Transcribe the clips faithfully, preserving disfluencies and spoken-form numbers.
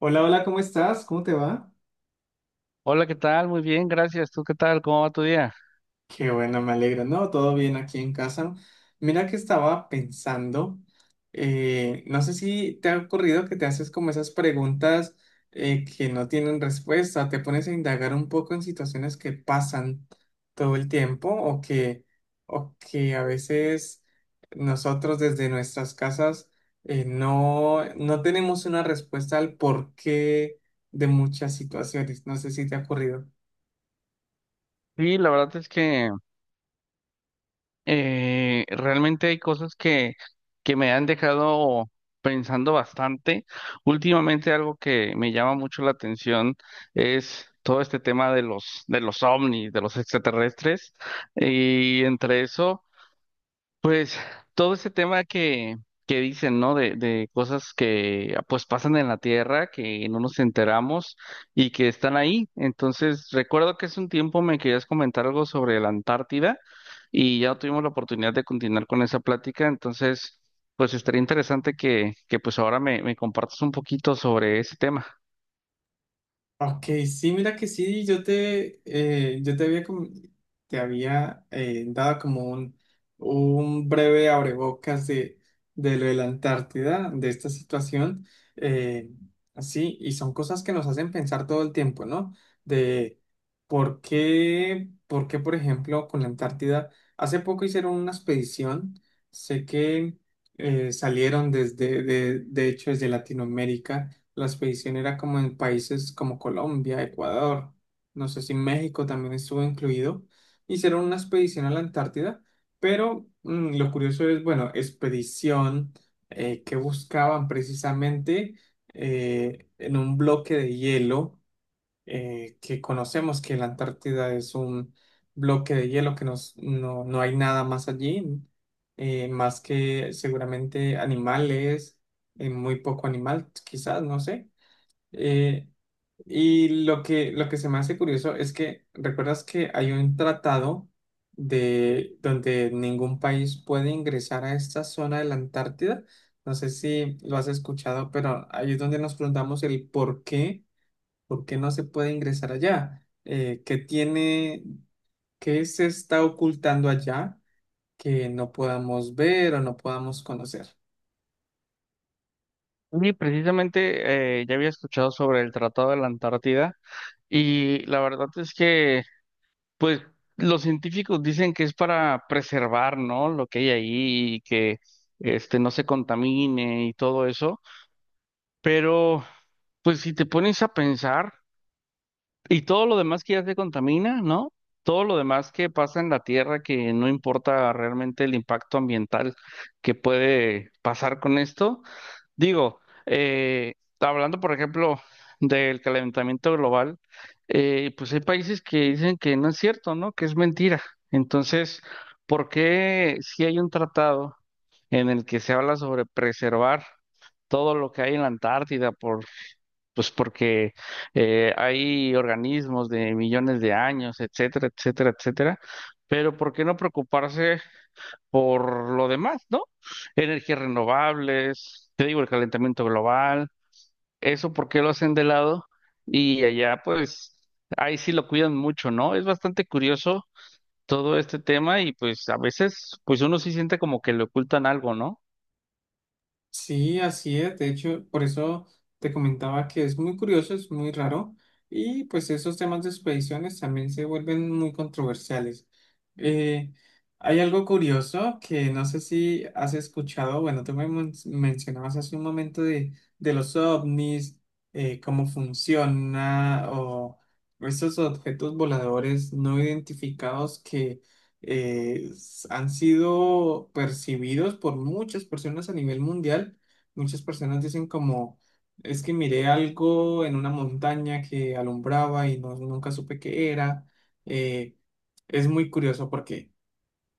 Hola, hola, ¿cómo estás? ¿Cómo te va? Hola, ¿qué tal? Muy bien, gracias. ¿Tú qué tal? ¿Cómo va tu día? Qué bueno, me alegro. No, todo bien aquí en casa. Mira que estaba pensando, eh, no sé si te ha ocurrido que te haces como esas preguntas eh, que no tienen respuesta, te pones a indagar un poco en situaciones que pasan todo el tiempo o que, o que a veces nosotros desde nuestras casas eh, no, no tenemos una respuesta al porqué de muchas situaciones. No sé si te ha ocurrido. Sí, la verdad es que eh, realmente hay cosas que, que me han dejado pensando bastante. Últimamente algo que me llama mucho la atención es todo este tema de los, de los ovnis, de los extraterrestres. Y entre eso... Pues todo ese tema que, que dicen, ¿no? De, de cosas que pues pasan en la Tierra, que no nos enteramos y que están ahí. Entonces, recuerdo que hace un tiempo me querías comentar algo sobre la Antártida y ya no tuvimos la oportunidad de continuar con esa plática. Entonces, pues estaría interesante que, que pues ahora me, me compartas un poquito sobre ese tema. Ok, sí, mira que sí, yo te, eh, yo te había, com- te había eh, dado como un, un breve abrebocas de, de lo de la Antártida, de esta situación, eh, sí, y son cosas que nos hacen pensar todo el tiempo, ¿no? De por qué, por qué, por ejemplo, con la Antártida, hace poco hicieron una expedición, sé que eh, salieron desde, de de hecho, desde Latinoamérica, la expedición era como en países como Colombia, Ecuador, no sé si México también estuvo incluido. Hicieron una expedición a la Antártida, pero mm, lo curioso es, bueno, expedición, eh, que buscaban precisamente, eh, en un bloque de hielo, eh, que conocemos que la Antártida es un bloque de hielo que nos- no, no hay nada más allí, eh, más que seguramente animales, eh, muy poco animal, quizás, no sé. eh, y lo que, lo que se me hace curioso es que, ¿recuerdas que hay un tratado de donde ningún país puede ingresar a esta zona de la Antártida? No sé si lo has escuchado, pero ahí es donde nos preguntamos el por qué, por qué no se puede ingresar allá. Eh, ¿qué tiene, qué se está ocultando allá que no podamos ver o no podamos conocer? Sí, precisamente eh, ya había escuchado sobre el Tratado de la Antártida y la verdad es que pues los científicos dicen que es para preservar, ¿no? Lo que hay ahí y que este no se contamine y todo eso, pero pues si te pones a pensar y todo lo demás que ya se contamina, ¿no? Todo lo demás que pasa en la Tierra que no importa realmente el impacto ambiental que puede pasar con esto. Digo, eh, hablando por ejemplo del calentamiento global, eh, pues hay países que dicen que no es cierto, ¿no? Que es mentira. Entonces, ¿por qué si hay un tratado en el que se habla sobre preservar todo lo que hay en la Antártida por, pues porque eh, hay organismos de millones de años, etcétera, etcétera, etcétera? Pero ¿por qué no preocuparse por lo demás, ¿no? Energías renovables, te digo, el calentamiento global, eso porque lo hacen de lado y allá pues ahí sí lo cuidan mucho, ¿no? Es bastante curioso todo este tema y pues a veces pues uno sí siente como que le ocultan algo, ¿no? Sí, así es. De hecho, por eso te comentaba que es muy curioso, es muy raro. Y pues esos temas de expediciones también se vuelven muy controversiales. Eh, Hay algo curioso que no sé si has escuchado, bueno, tú me men- mencionabas hace un momento de, de los ovnis, eh, cómo funciona o esos objetos voladores no identificados que eh, s- han sido percibidos por muchas personas a nivel mundial. Muchas personas dicen como, es que miré algo en una montaña que alumbraba y no, nunca supe qué era. Eh, es muy curioso porque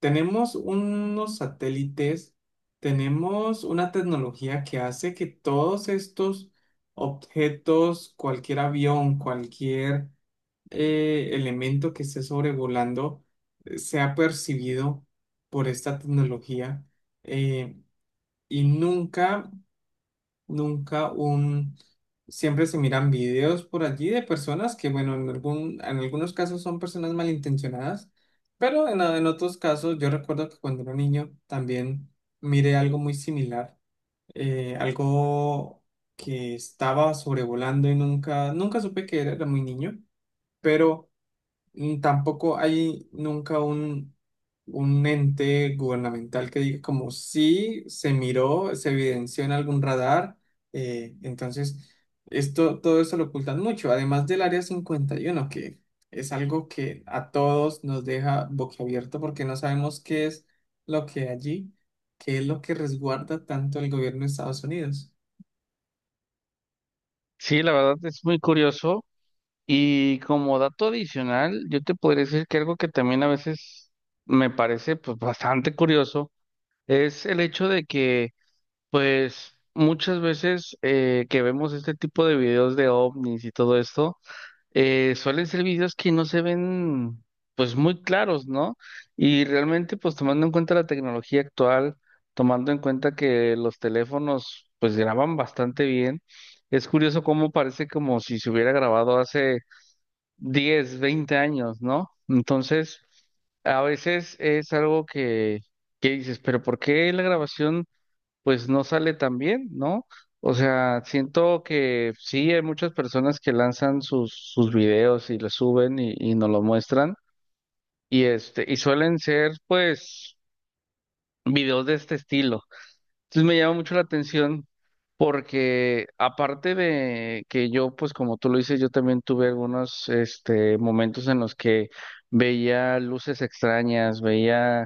tenemos unos satélites, tenemos una tecnología que hace que todos estos objetos, cualquier avión, cualquier eh, elemento que esté sobrevolando eh, sea percibido por esta tecnología. eh, y nunca, Nunca un... Siempre se miran videos por allí de personas que, bueno, en algún, en algunos casos son personas malintencionadas, pero en, en otros casos yo recuerdo que cuando era niño también miré algo muy similar, eh, algo que estaba sobrevolando y nunca, nunca supe que era, era muy niño, pero mm, tampoco hay nunca un, un ente gubernamental que diga como si se miró, se evidenció en algún radar. eh, entonces, esto, todo eso lo ocultan mucho, además del Área cincuenta y uno, que es algo que a todos nos deja boquiabierto porque no sabemos qué es lo que hay allí, qué es lo que resguarda tanto el gobierno de Estados Unidos. Sí, la verdad es muy curioso y como dato adicional, yo te podría decir que algo que también a veces me parece pues bastante curioso es el hecho de que pues muchas veces eh, que vemos este tipo de videos de ovnis y todo esto, eh, suelen ser videos que no se ven pues muy claros, ¿no? Y realmente pues tomando en cuenta la tecnología actual, tomando en cuenta que los teléfonos pues graban bastante bien, es curioso cómo parece como si se hubiera grabado hace diez veinte años, ¿no? Entonces, a veces es algo que, que dices, pero ¿por qué la grabación pues no sale tan bien, ¿no? O sea, siento que sí hay muchas personas que lanzan sus, sus videos y los suben y, y nos lo muestran y este, y suelen ser pues videos de este estilo. Entonces me llama mucho la atención porque aparte de que yo, pues como tú lo dices, yo también tuve algunos este, momentos en los que veía luces extrañas, veía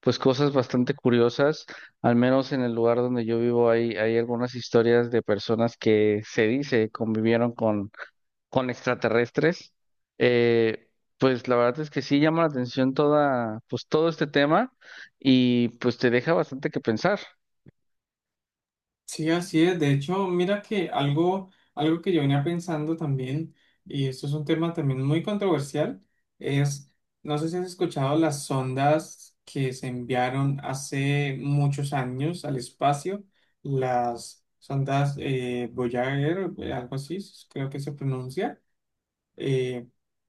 pues cosas bastante curiosas, al menos en el lugar donde yo vivo hay, hay algunas historias de personas que se dice convivieron con, con extraterrestres. Eh, pues la verdad es que sí llama la atención toda, pues todo este tema y pues te deja bastante que pensar. Sí, así es. De hecho, mira que algo, algo que yo venía pensando también, y esto es un tema también muy controversial, es, no sé si has escuchado las sondas que se enviaron hace muchos años al espacio, las sondas eh, Voyager, eh, algo así, creo que se pronuncia. eh,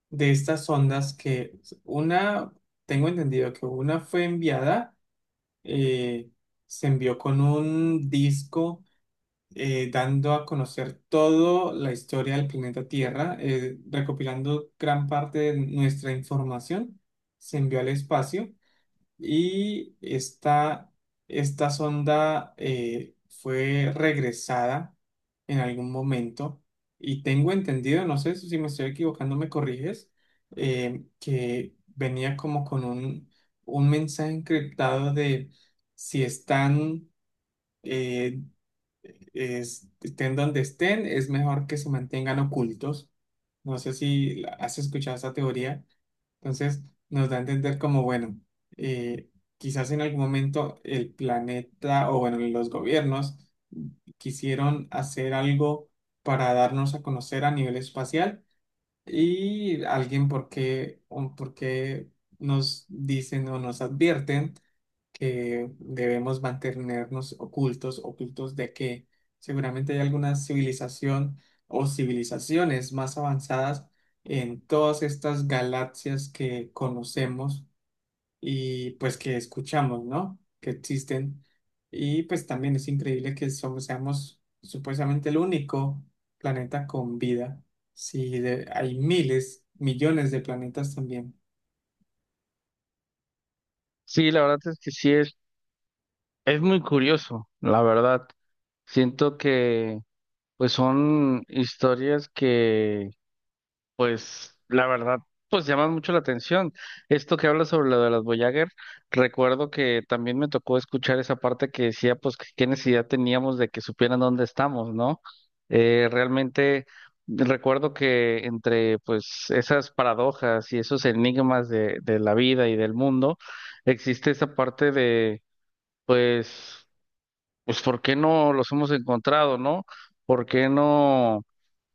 de estas sondas que una, tengo entendido que una fue enviada, eh, se envió con un disco eh, dando a conocer toda la historia del planeta Tierra, eh, recopilando gran parte de nuestra información, se envió al espacio, y esta, esta sonda eh, fue regresada en algún momento. Y tengo entendido, no sé si me estoy equivocando, me corriges, eh, que venía como con un, un mensaje encriptado de si están... eh, es- estén donde estén, es mejor que se mantengan ocultos. No sé si la- has escuchado esa teoría. Entonces, nos da a entender como, bueno, eh, quizás en algún momento el planeta o, bueno, los gobiernos quisieron hacer algo para darnos a conocer a nivel espacial, y alguien, ¿por qué, un- por qué nos dicen o nos advierten que debemos mantenernos ocultos, ocultos de que seguramente hay alguna civilización o civilizaciones más avanzadas en todas estas galaxias que conocemos y pues que escuchamos, ¿no? Que existen. Y pues también es increíble que somos, seamos supuestamente el único planeta con vida. Si de- hay miles, millones de planetas también. Sí, la verdad es que sí es, es muy curioso, la verdad. Siento que pues son historias que pues la verdad pues llaman mucho la atención. Esto que habla sobre lo de las Voyager, recuerdo que también me tocó escuchar esa parte que decía pues que qué necesidad teníamos de que supieran dónde estamos, ¿no? Eh, realmente recuerdo que entre pues esas paradojas y esos enigmas de, de la vida y del mundo existe esa parte pues, pues, ¿por qué no los hemos encontrado, no? ¿Por qué no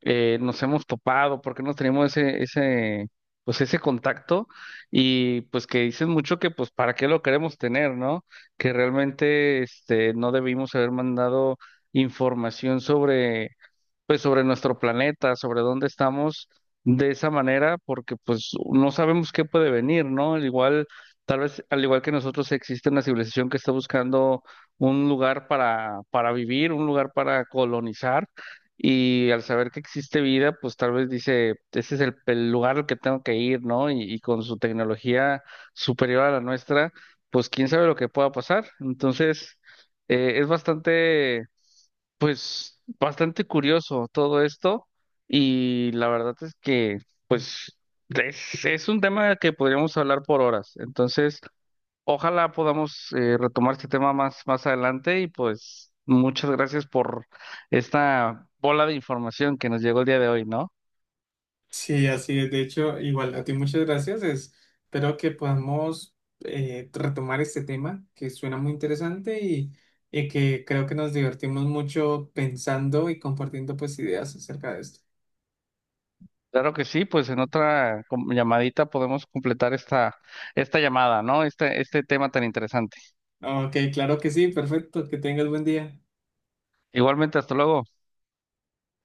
eh, nos hemos topado? ¿Por qué no tenemos ese, ese, pues, ese contacto? Y pues que dicen mucho que, pues, ¿para qué lo queremos tener, no? Que realmente, este, no debimos haber mandado información sobre pues sobre nuestro planeta, sobre dónde estamos de esa manera, porque pues no sabemos qué puede venir, ¿no? Al igual, tal vez, al igual que nosotros existe una civilización que está buscando un lugar para, para vivir, un lugar para colonizar, y al saber que existe vida, pues tal vez dice, ese es el, el lugar al que tengo que ir, ¿no? Y, y con su tecnología superior a la nuestra, pues quién sabe lo que pueda pasar. Entonces, eh, es bastante pues bastante curioso todo esto y la verdad es que pues es, es un tema que podríamos hablar por horas. Entonces, ojalá podamos eh, retomar este tema más, más adelante y pues muchas gracias por esta bola de información que nos llegó el día de hoy, ¿no? Sí, así es. De hecho, igual a ti muchas gracias. Es- espero que podamos eh, retomar este tema que suena muy interesante y, y que creo que nos divertimos mucho pensando y compartiendo pues ideas acerca de esto. Claro que sí, pues en otra com- llamadita podemos completar esta, esta llamada, ¿no? Este, este tema tan interesante. Ok, claro que sí, perfecto. Que tengas buen día. Igualmente, hasta luego.